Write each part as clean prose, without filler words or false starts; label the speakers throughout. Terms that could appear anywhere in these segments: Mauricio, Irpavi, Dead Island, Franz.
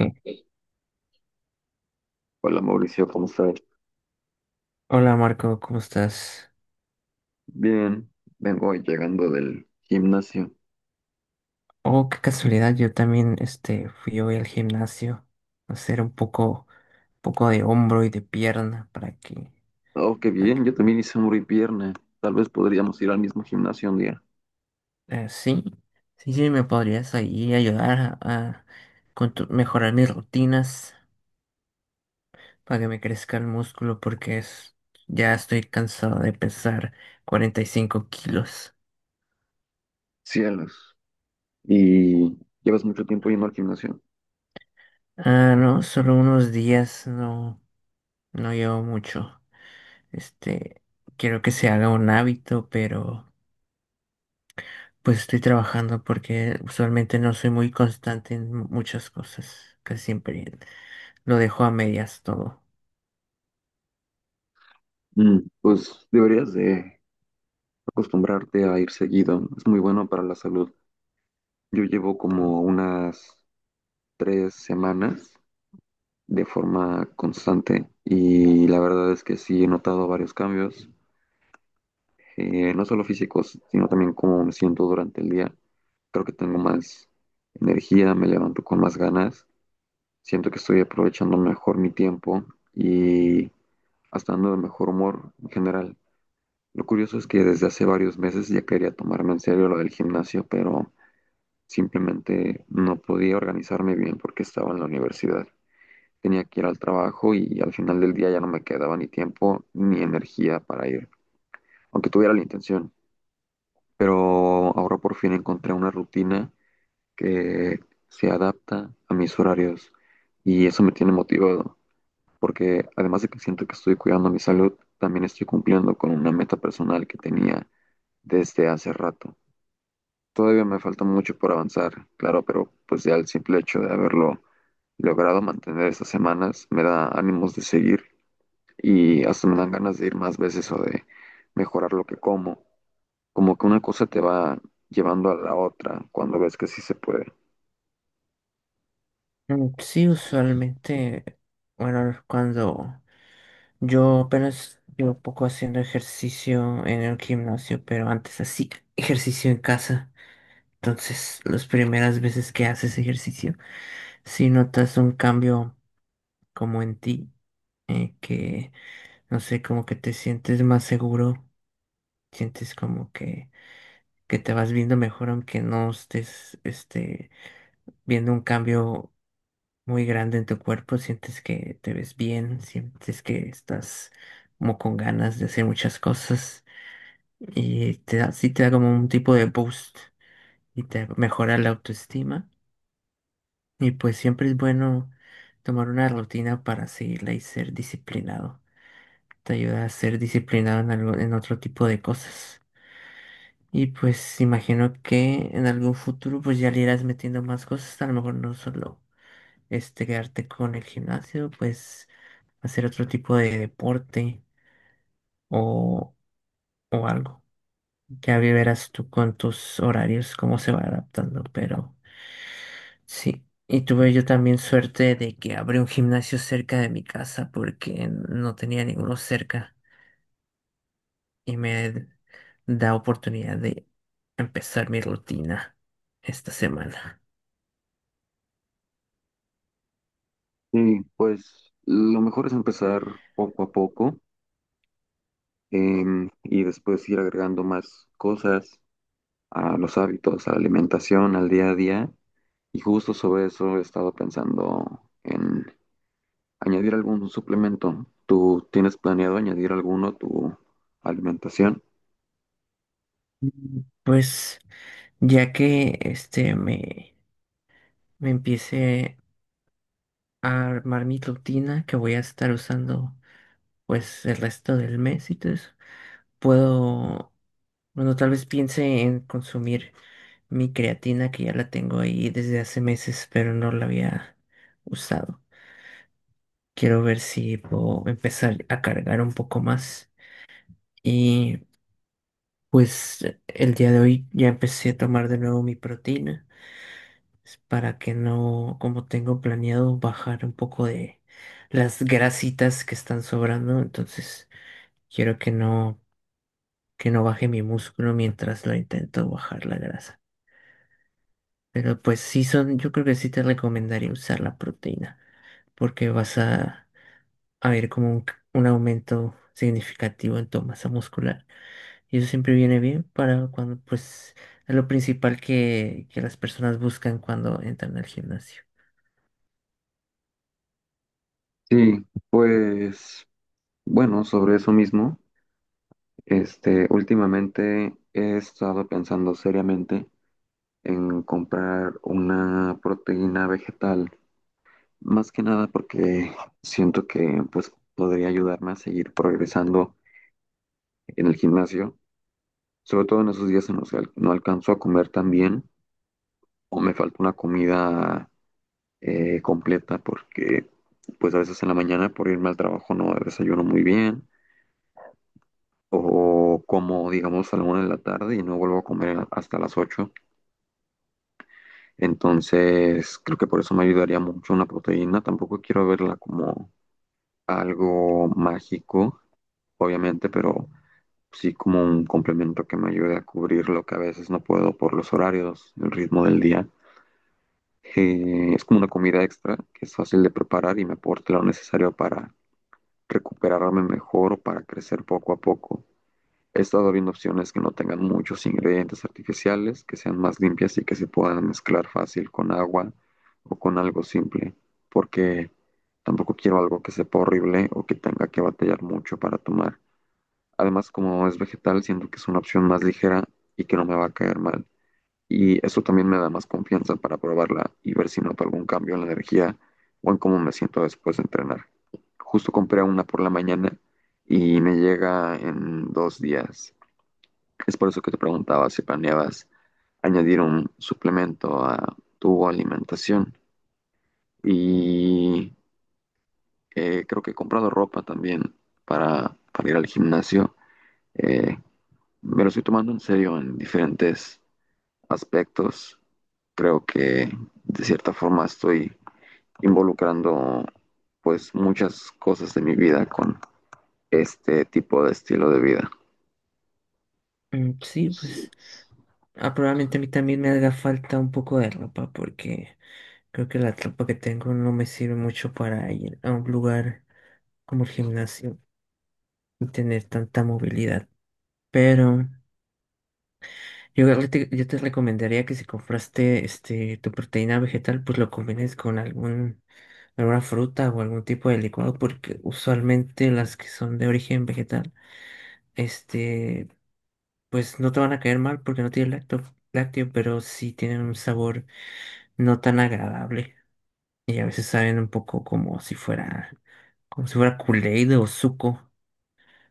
Speaker 1: Mm.
Speaker 2: Hola Mauricio, ¿cómo estás?
Speaker 1: Hola Marco, ¿cómo estás?
Speaker 2: Bien, vengo llegando del gimnasio.
Speaker 1: Oh, qué casualidad, yo también fui hoy al gimnasio a hacer un poco de hombro y de pierna
Speaker 2: Oh, qué
Speaker 1: para que-
Speaker 2: bien, yo también hice muy pierna. Tal vez podríamos ir al mismo gimnasio un día.
Speaker 1: sí, sí, sí, me podrías ahí ayudar a mejorar mis rutinas para que me crezca el músculo porque es, ya estoy cansado de pesar 45 kilos.
Speaker 2: Cielos. ¿Y llevas mucho tiempo yendo al gimnasio?
Speaker 1: Ah, no, solo unos días, no, no llevo mucho. Este, Quiero que se haga un hábito, pero pues estoy trabajando porque usualmente no soy muy constante en muchas cosas. Casi siempre lo dejo a medias todo.
Speaker 2: Mm, pues deberías de acostumbrarte a ir seguido. Es muy bueno para la salud. Yo llevo como unas 3 semanas de forma constante y la verdad es que sí he notado varios cambios. No solo físicos, sino también cómo me siento durante el día. Creo que tengo más energía, me levanto con más ganas, siento que estoy aprovechando mejor mi tiempo y hasta ando de mejor humor en general. Lo curioso es que desde hace varios meses ya quería tomarme en serio lo del gimnasio, pero simplemente no podía organizarme bien porque estaba en la universidad. Tenía que ir al trabajo y al final del día ya no me quedaba ni tiempo ni energía para ir, aunque tuviera la intención. Pero ahora por fin encontré una rutina que se adapta a mis horarios y eso me tiene motivado, porque además de que siento que estoy cuidando mi salud, también estoy cumpliendo con una meta personal que tenía desde hace rato. Todavía me falta mucho por avanzar, claro, pero pues ya el simple hecho de haberlo logrado mantener estas semanas me da ánimos de seguir y hasta me dan ganas de ir más veces o de mejorar lo que como. Como que una cosa te va llevando a la otra cuando ves que sí se puede.
Speaker 1: Mm, sí, usualmente, bueno, cuando yo apenas llevo poco haciendo ejercicio en el gimnasio, pero antes así ejercicio en casa. Entonces, las primeras veces que haces ejercicio, si notas un cambio como en ti, que no sé, como que te sientes más seguro, sientes como que te vas viendo mejor aunque no estés viendo un cambio muy grande en tu cuerpo, sientes que te ves bien, sientes que estás como con ganas de hacer muchas cosas y te da, sí te da como un tipo de boost y te mejora la autoestima y pues siempre es bueno tomar una rutina para seguirla y ser disciplinado. Te ayuda a ser disciplinado en algo, en otro tipo de cosas. Y pues imagino que en algún futuro pues ya le irás metiendo más cosas, a lo mejor no solo quedarte con el gimnasio, pues hacer otro tipo de deporte o, o algo. Ya verás tú con tus horarios cómo se va adaptando, pero sí. Y tuve yo también suerte de que abrí un gimnasio cerca de mi casa porque no tenía ninguno cerca y me da oportunidad de empezar mi rutina esta semana.
Speaker 2: Sí, pues lo mejor es empezar poco a poco, y después ir agregando más cosas a los hábitos, a la alimentación, al día a día. Y justo sobre eso he estado pensando en añadir algún suplemento. ¿Tú tienes planeado añadir alguno a tu alimentación?
Speaker 1: Mm, pues ya que me empiece a armar mi rutina que voy a estar usando pues el resto del mes y todo eso, puedo, bueno, tal vez piense en consumir mi creatina que ya la tengo ahí desde hace meses, pero no la había usado. Quiero ver si puedo empezar a cargar un poco más. Y pues el día de hoy ya empecé a tomar de nuevo mi proteína. Es para que no, como tengo planeado, bajar un poco de las grasitas que están sobrando. Entonces, quiero que no baje mi músculo mientras lo intento bajar la grasa. Pero pues sí son, yo creo que sí te recomendaría usar la proteína, porque vas a ver como un aumento significativo en tu masa muscular. Y eso siempre viene bien para cuando, pues, es lo principal que las personas buscan cuando entran al gimnasio.
Speaker 2: Sí, pues bueno, sobre eso mismo, este, últimamente he estado pensando seriamente en comprar una proteína vegetal, más que nada porque siento que pues podría ayudarme a seguir progresando en el gimnasio, sobre todo en esos días en los que no alcanzo a comer tan bien. O me falta una comida completa, porque pues a veces en la mañana por irme al trabajo no desayuno muy bien, o como digamos a la 1 de la tarde y no vuelvo a comer hasta las 8. Entonces creo que por eso me ayudaría mucho una proteína. Tampoco quiero verla como algo mágico, obviamente, pero sí como un complemento que me ayude a cubrir lo que a veces no puedo por los horarios, el ritmo del día. Es como una comida extra que es fácil de preparar y me aporta lo necesario para recuperarme mejor o para crecer poco a poco. He estado viendo opciones que no tengan muchos ingredientes artificiales, que sean más limpias y que se puedan mezclar fácil con agua o con algo simple, porque tampoco quiero algo que sepa horrible o que tenga que batallar mucho para tomar. Además, como es vegetal, siento que es una opción más ligera y que no me va a caer mal. Y eso también me da más confianza para probarla y ver si noto algún cambio en la energía o en cómo me siento después de entrenar. Justo compré una por la mañana y me llega en 2 días. Es por eso que te preguntaba si planeabas añadir un suplemento a tu alimentación. Y creo que he comprado ropa también para, ir al gimnasio. Eh, Me lo estoy tomando en serio en diferentes aspectos. Creo que de cierta forma estoy involucrando pues muchas cosas de mi vida con este tipo de estilo de vida.
Speaker 1: Mm, sí, pues. Ah, probablemente a mí también me haga falta un poco de ropa porque creo que la ropa que tengo no me sirve mucho para ir a un lugar como el gimnasio y tener tanta movilidad. Pero yo, creo que yo te recomendaría que si compraste tu proteína vegetal, pues lo combines con alguna fruta o algún tipo de licuado porque usualmente las que son de origen vegetal, este, pues no te van a caer mal porque no tienen lácteo, pero sí tienen un sabor no tan agradable. Y a veces saben un poco como si fuera Kool-Aid o suco.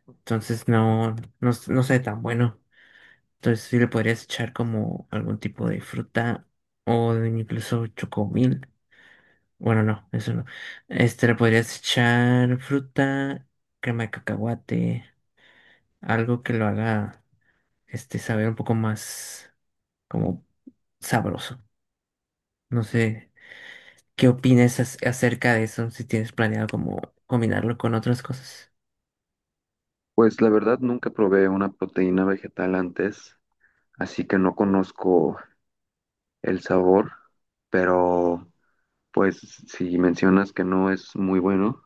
Speaker 1: Entonces no, no, no sabe tan bueno. Entonces sí le podrías echar como algún tipo de fruta o incluso chocomil. Bueno, no, eso no. Le podrías echar fruta, crema de cacahuate, algo que lo haga saber un poco más como sabroso. No sé, ¿qué opinas acerca de eso? Si tienes planeado como combinarlo con otras cosas.
Speaker 2: Pues la verdad nunca probé una proteína vegetal antes, así que no conozco el sabor, pero pues si mencionas que no es muy bueno,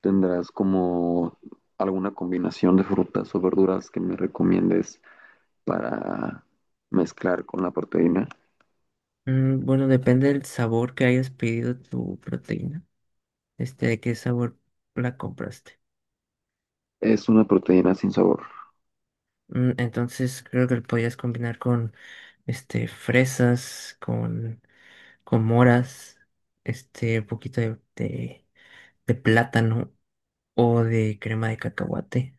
Speaker 2: ¿tendrás como alguna combinación de frutas o verduras que me recomiendes para mezclar con la proteína?
Speaker 1: Mm, bueno, depende del sabor que hayas pedido tu proteína. De qué sabor la compraste.
Speaker 2: Es una proteína sin sabor.
Speaker 1: Mm, entonces creo que lo podías combinar con fresas, con moras, un poquito de plátano o de crema de cacahuate.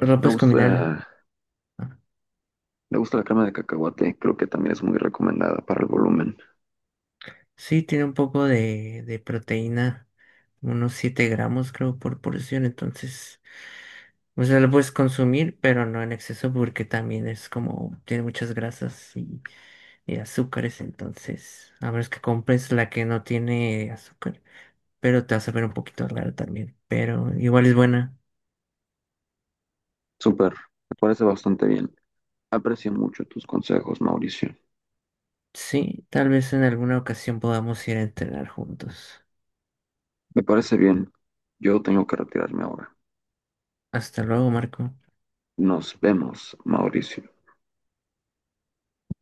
Speaker 1: Lo
Speaker 2: Me
Speaker 1: puedes combinar.
Speaker 2: gusta,
Speaker 1: Ah,
Speaker 2: me gusta la crema de cacahuate, creo que también es muy recomendada para el volumen.
Speaker 1: sí, tiene un poco de proteína, unos 7 gramos creo por porción, entonces, o sea, lo puedes consumir, pero no en exceso porque también es como, tiene muchas grasas y azúcares, entonces, a menos que compres la que no tiene azúcar, pero te vas a ver un poquito raro también, pero igual es buena.
Speaker 2: Súper, me parece bastante bien. Aprecio mucho tus consejos, Mauricio.
Speaker 1: Sí, tal vez en alguna ocasión podamos ir a entrenar juntos.
Speaker 2: Me parece bien. Yo tengo que retirarme ahora.
Speaker 1: Hasta luego, Marco.
Speaker 2: Nos vemos, Mauricio.